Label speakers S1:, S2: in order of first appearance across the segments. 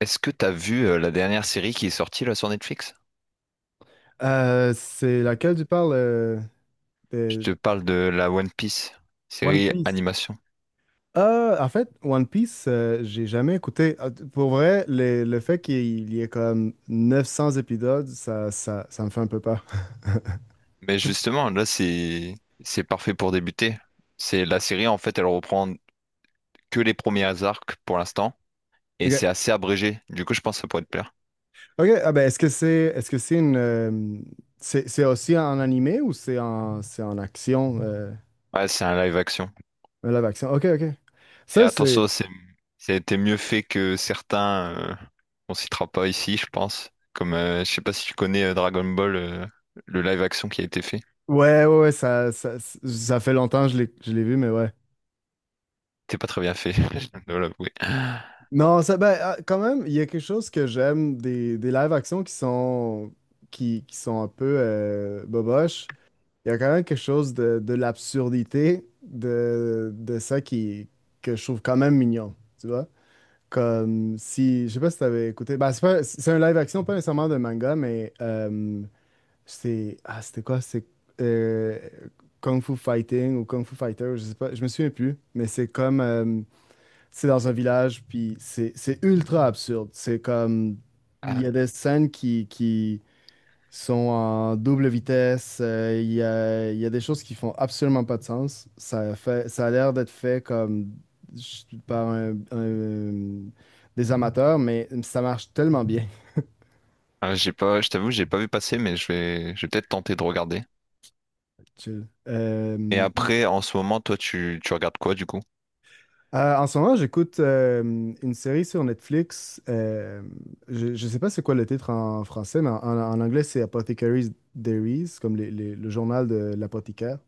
S1: Est-ce que t'as vu la dernière série qui est sortie là sur Netflix?
S2: C'est laquelle tu parles
S1: Je
S2: de
S1: te parle de la One Piece,
S2: One
S1: série
S2: Piece?
S1: animation.
S2: En fait, One Piece, j'ai jamais écouté. Ah, pour vrai, le fait qu'il y ait comme 900 épisodes, ça me fait un peu peur.
S1: Mais justement, là c'est parfait pour débuter. C'est la série en fait, elle reprend que les premiers arcs pour l'instant et c'est
S2: OK.
S1: assez abrégé. Du coup, je pense que ça pourrait te plaire.
S2: OK, ah ben, est-ce que c'est une c'est aussi en animé ou c'est en action
S1: Ouais, c'est un live action.
S2: un live action. OK, OK.
S1: Mais
S2: Ça c'est
S1: attention, c'était mieux fait que certains. On citera pas ici, je pense. Comme je sais pas si tu connais Dragon Ball, le live action qui a été fait.
S2: Ouais, ouais, ouais, ça fait longtemps que je l'ai vu mais ouais.
S1: C'était pas très bien fait, je dois l'avouer.
S2: Non, ça, ben, ah, quand même, il y a quelque chose que j'aime des live-action qui sont, qui sont un peu boboches. Il y a quand même quelque chose de l'absurdité de ça que je trouve quand même mignon, tu vois? Comme si, je sais pas si t'avais écouté, ben, c'est un live-action, pas nécessairement de manga, mais c'est, ah, c'était quoi? C'est euh, Kung Fu Fighting ou Kung Fu Fighter, je sais pas, je me souviens plus, mais c'est comme, c'est dans un village, puis c'est ultra absurde. C'est comme, il y a
S1: Ah.
S2: des scènes qui sont en double vitesse, il y a des choses qui font absolument pas de sens. Ça fait, ça a l'air d'être fait comme ch- par un- un- des amateurs, mais ça marche tellement bien.
S1: Ah, j'ai pas, je t'avoue, j'ai pas vu passer, mais je vais peut-être tenter de regarder.
S2: Chill.
S1: Et après, en ce moment, toi, tu regardes quoi du coup?
S2: En ce moment, j'écoute une série sur Netflix. Je ne sais pas c'est quoi le titre en français, mais en anglais, c'est Apothecaries Diaries, comme le journal de l'apothicaire.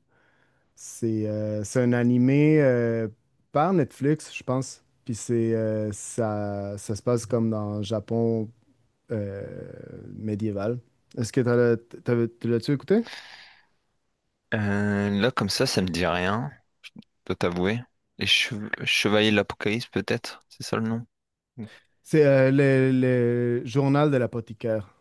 S2: C'est un animé par Netflix, je pense. Puis c'est ça se passe comme dans le Japon euh, médiéval. Est-ce que tu l'as-tu écouté?
S1: Là, comme ça me dit rien, dois t'avouer. Les Chevaliers de l'Apocalypse, peut-être? C'est ça le nom? Mm.
S2: C'est le journal de l'apothicaire.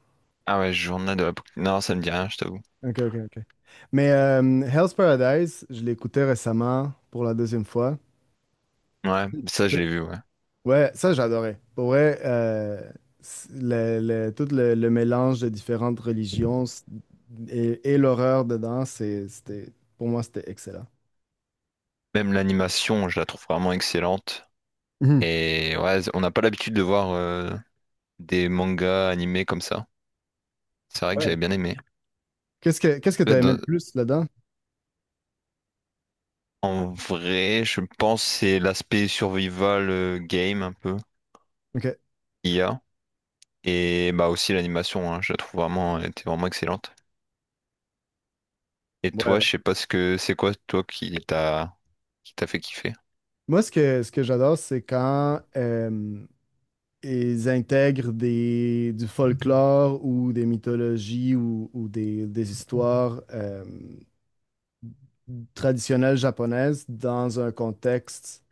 S1: Ah ouais, Journal de l'Apocalypse. Non, ça me dit rien, je t'avoue.
S2: Ok, ok, ok. Mais Hell's Paradise, je l'ai écouté récemment pour la deuxième fois.
S1: Ouais, ça, je
S2: C'est-
S1: l'ai vu, ouais.
S2: Ouais, ça j'adorais. Pour vrai, c- le, tout le mélange de différentes religions et l'horreur dedans, c'était, pour moi, c'était excellent.
S1: Même l'animation, je la trouve vraiment excellente.
S2: Mhm.
S1: Et ouais, on n'a pas l'habitude de voir des mangas animés comme ça. C'est vrai que
S2: Ouais.
S1: j'avais bien aimé.
S2: Qu'est-ce que t'as aimé le plus là-dedans?
S1: En vrai, je pense que c'est l'aspect survival game un peu,
S2: Ok. Ouais.
S1: IA, et bah aussi l'animation, hein, je la trouve vraiment, elle était vraiment excellente. Et
S2: Ouais.
S1: toi, je sais pas ce que c'est quoi toi qui t'a fait kiffer.
S2: Moi, ce que j'adore, c'est quand ils intègrent du folklore ou des mythologies ou des histoires traditionnelles japonaises dans un contexte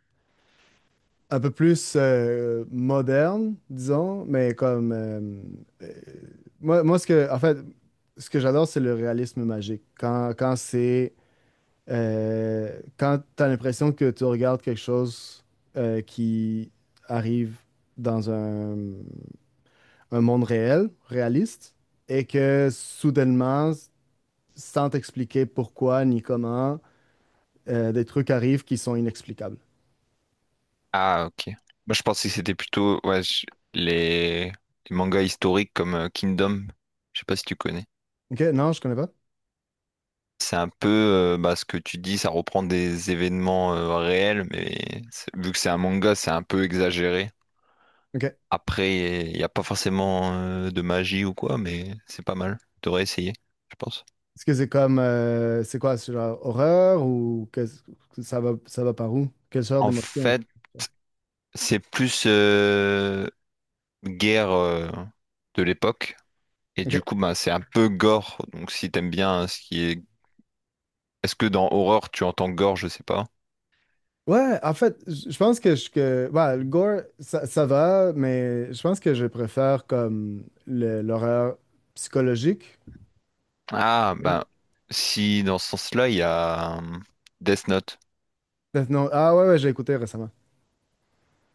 S2: un peu plus moderne, disons. Euh, Moi, en fait, ce que j'adore, c'est le réalisme magique. Quand quand tu as l'impression que tu regardes quelque chose qui arrive dans un monde réel, réaliste, et que soudainement, sans t'expliquer pourquoi ni comment, des trucs arrivent qui sont inexplicables.
S1: Ah ok. Moi je pensais que c'était plutôt ouais, je- les... les mangas historiques comme Kingdom, je sais pas si tu connais.
S2: Ok, non, je connais pas.
S1: C'est un peu bah, ce que tu dis, ça reprend des événements réels, mais c'est- vu que c'est un manga, c'est un peu exagéré.
S2: Ok.
S1: Après, il n'y a pas forcément de magie ou quoi, mais c'est pas mal. T'aurais essayer, je pense.
S2: Est-ce que c'est comme, c'est quoi, c'est genre horreur ou que ça va par où? Quelle sorte
S1: En
S2: d'émotion?
S1: fait, c'est plus guerre de l'époque. Et du
S2: Ok.
S1: coup, bah, c'est un peu gore. Donc si t'aimes bien hein, ce qui est... Est-ce que dans horreur, tu entends gore? Je sais pas.
S2: Ouais, en fait, je pense que ouais, le gore, ça va, mais je pense que je préfère comme l'horreur psychologique.
S1: Ah, ben, si dans ce sens-là, il y a Death Note.
S2: Non, ah ouais, ouais, j'ai écouté récemment.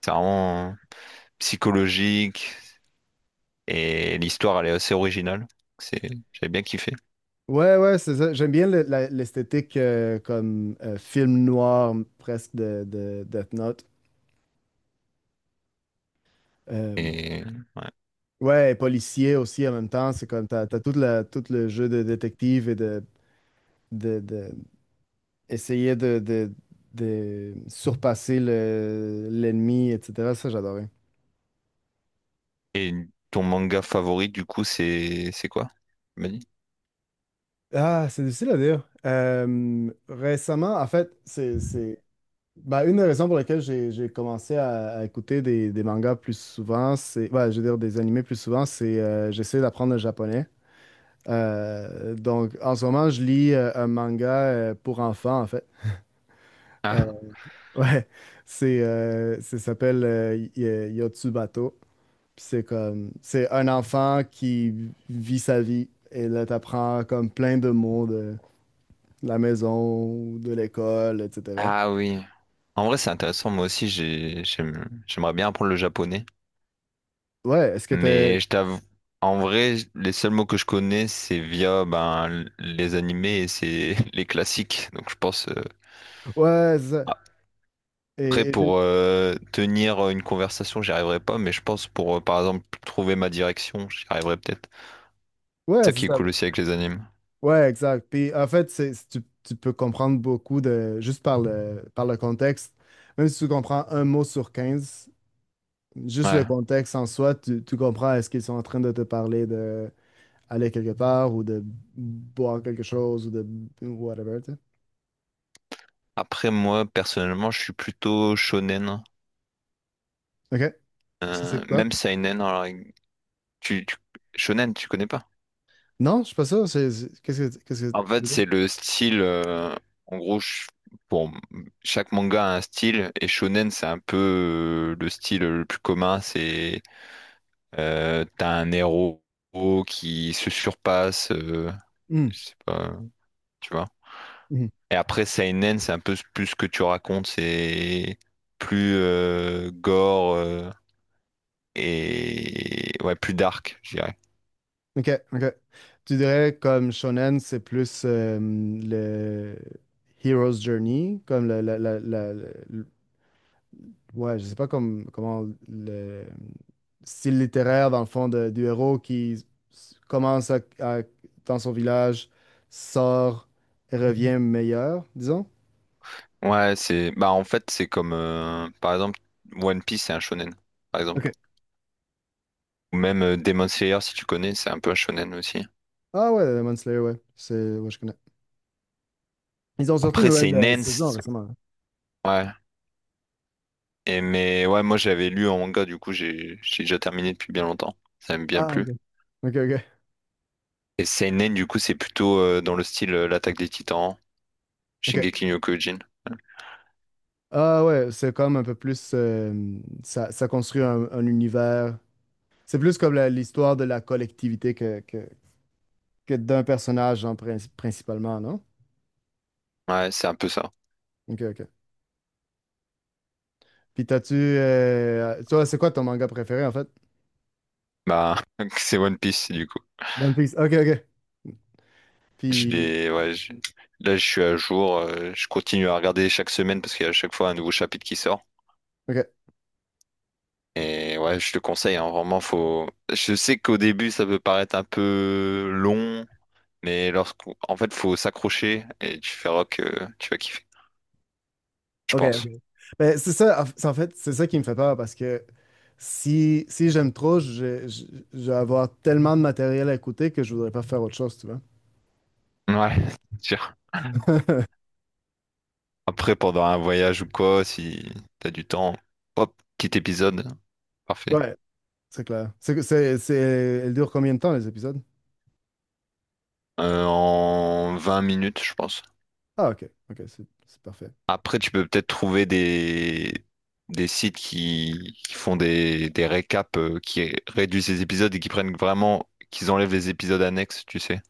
S1: C'est vraiment psychologique et l'histoire, elle est assez originale. C'est... J'avais bien kiffé.
S2: Ouais, ouais, c'est ça. J'aime bien l'esthétique comme film noir presque de Death Note. Euh,
S1: Et... ouais.
S2: ouais, et policier aussi en même temps. C'est comme t'as toute tout le jeu de détective et de, de- essayer de surpasser l'ennemi, etc. Ça, j'adorais.
S1: Et ton manga favori, du coup, c'est quoi? Tu m'as dit
S2: Ah, c'est difficile à dire. Récemment, en fait, c'est bah, une des raisons pour lesquelles j'ai commencé à écouter des mangas plus souvent, c'est, ouais, je veux dire des animés plus souvent, c'est j'essaie d'apprendre le japonais. Donc, en ce moment, je lis un manga pour enfants, en fait. Euh,
S1: Ah,
S2: ouais, ça s'appelle Yotsubato. Puis c'est un enfant qui vit sa vie. Et là, t'apprends comme plein de mots de la maison, de l'école, etc.
S1: Ah oui. En vrai, c'est intéressant. Moi aussi, j'aimerais bien apprendre le japonais.
S2: Ouais, est-ce que t'es...
S1: Mais je t'avoue, en vrai, les seuls mots que je connais, c'est via ben, les animés et c'est les classiques. Donc, je pense.
S2: Ouais, c'est ça.
S1: Après,
S2: Et,
S1: pour tenir une conversation, j'y arriverai pas. Mais je pense pour, par exemple, trouver ma direction, j'y arriverai peut-être. C'est
S2: Ouais,
S1: ça
S2: c'est
S1: qui est
S2: ça.
S1: cool aussi avec les animes.
S2: Ouais, exact. Puis en fait, tu peux comprendre beaucoup de juste par le contexte. Même si tu comprends un mot sur 15, juste
S1: Ouais.
S2: le contexte en soi, tu comprends est-ce qu'ils sont en train de te parler de aller quelque part ou de boire quelque chose ou de whatever, tu sais.
S1: Après, moi, personnellement, je suis plutôt shonen.
S2: OK. Ça, c'est quoi?
S1: Même seinen, alors, tu, tu- shonen, tu connais pas?
S2: Non, je suis pas sûr. Qu'est-ce que
S1: En
S2: tu
S1: fait,
S2: veux dire?
S1: c'est le style. En gros, bon, chaque manga a un style et shonen, c'est un peu le style le plus commun. C'est t'as un héros qui se surpasse.
S2: Hmm.
S1: Je sais pas, tu vois.
S2: Hmm.
S1: Et après seinen, c'est un peu plus ce que tu racontes. C'est plus gore et ouais, plus dark, je dirais.
S2: Ok, ok. Tu dirais comme shonen, c'est plus le hero's journey, comme ouais, je sais pas comment le style littéraire dans le fond du héros qui commence dans son village, sort et revient meilleur, disons.
S1: Ouais, c'est bah en fait c'est comme par exemple One Piece c'est un shonen par
S2: Ok.
S1: exemple ou même Demon Slayer si tu connais c'est un peu un shonen aussi.
S2: Ah ouais, Demon Slayer, ouais, c'est ouais, je connais. Ils ont sorti une
S1: Après c'est
S2: nouvelle
S1: une
S2: saison
S1: ends,
S2: récemment, hein.
S1: ouais. Et mais ouais moi j'avais lu en manga du coup j'ai déjà terminé depuis bien longtemps. Ça m'a bien
S2: Ah ok.
S1: plu.
S2: Ok, ok,
S1: Et seinen du coup c'est plutôt dans le style l'attaque des Titans
S2: ok.
S1: Shingeki no Kyojin.
S2: Ah ouais, c'est comme un peu plus, ça construit un univers. C'est plus comme l'histoire de la collectivité que d'un personnage, genre, principalement, non?
S1: Ouais, c'est un peu ça.
S2: Ok, ok. Puis t'as-tu. Toi, c'est quoi ton manga préféré, en fait?
S1: Bah, c'est One Piece, du coup.
S2: One Piece. Ok, ok.
S1: Je
S2: Puis.
S1: l'ai, ouais, je- là, je suis à jour. Je continue à regarder chaque semaine parce qu'il y a à chaque fois un nouveau chapitre qui sort.
S2: Ok,
S1: Et ouais, je te conseille, hein, vraiment, faut. Je sais qu'au début, ça peut paraître un peu long. Mais lorsqu'on, en fait, faut s'accrocher et tu verras que tu vas kiffer, je
S2: ok,
S1: pense.
S2: ok. Ben, c'est ça, en fait, c'est ça qui me fait peur parce que si j'aime trop, je vais avoir tellement de matériel à écouter que je voudrais pas faire autre chose, tu vois?
S1: Ouais, c'est sûr. Après, pendant un voyage ou quoi, si t'as du temps, hop, petit épisode, parfait.
S2: Ouais, c'est clair. Elle dure combien de temps, les épisodes?
S1: En 20 minutes, je pense.
S2: Ah, ok, ok, c'est parfait.
S1: Après, tu peux peut-être trouver des sites qui font des récaps, qui réduisent les épisodes et qui prennent vraiment, qu'ils enlèvent les épisodes annexes, tu sais.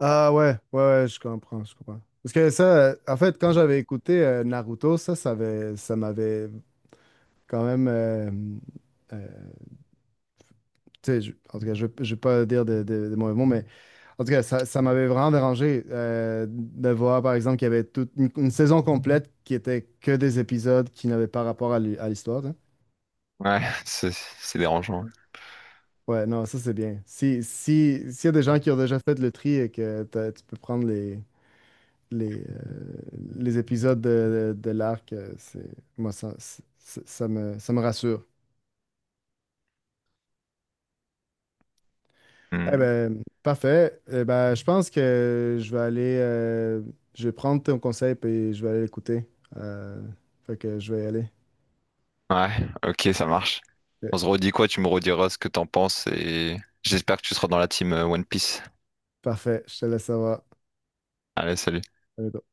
S2: Ah, ouais, ouais, ouais, je comprends, je comprends. Parce que ça, en fait, quand j'avais écouté Naruto, ça m'avait quand même. Euh, Tu sais, en tout cas, je ne vais pas dire de mauvais mots, mais en tout cas, ça m'avait vraiment dérangé de voir, par exemple, qu'il y avait toute une saison complète qui était que des épisodes qui n'avaient pas rapport à l'histoire, tu sais.
S1: Ouais, c'est dérangeant.
S2: Ouais, non, ça, c'est bien. Si, si, S'il y a des gens qui ont déjà fait le tri et que tu peux prendre les, euh, les épisodes de l'arc, c'est, moi, ça, c'est- ça me rassure. Eh
S1: Hmm.
S2: ben, parfait. Eh ben, je pense que je vais prendre ton conseil et je vais aller l'écouter. Euh, Fait que je vais y aller.
S1: Ouais, ok, ça marche. On se
S2: Ok.
S1: redit quoi? Tu me rediras ce que t'en penses et j'espère que tu seras dans la team One Piece.
S2: Parfait, je te laisse savoir.
S1: Allez, salut.
S2: À bientôt.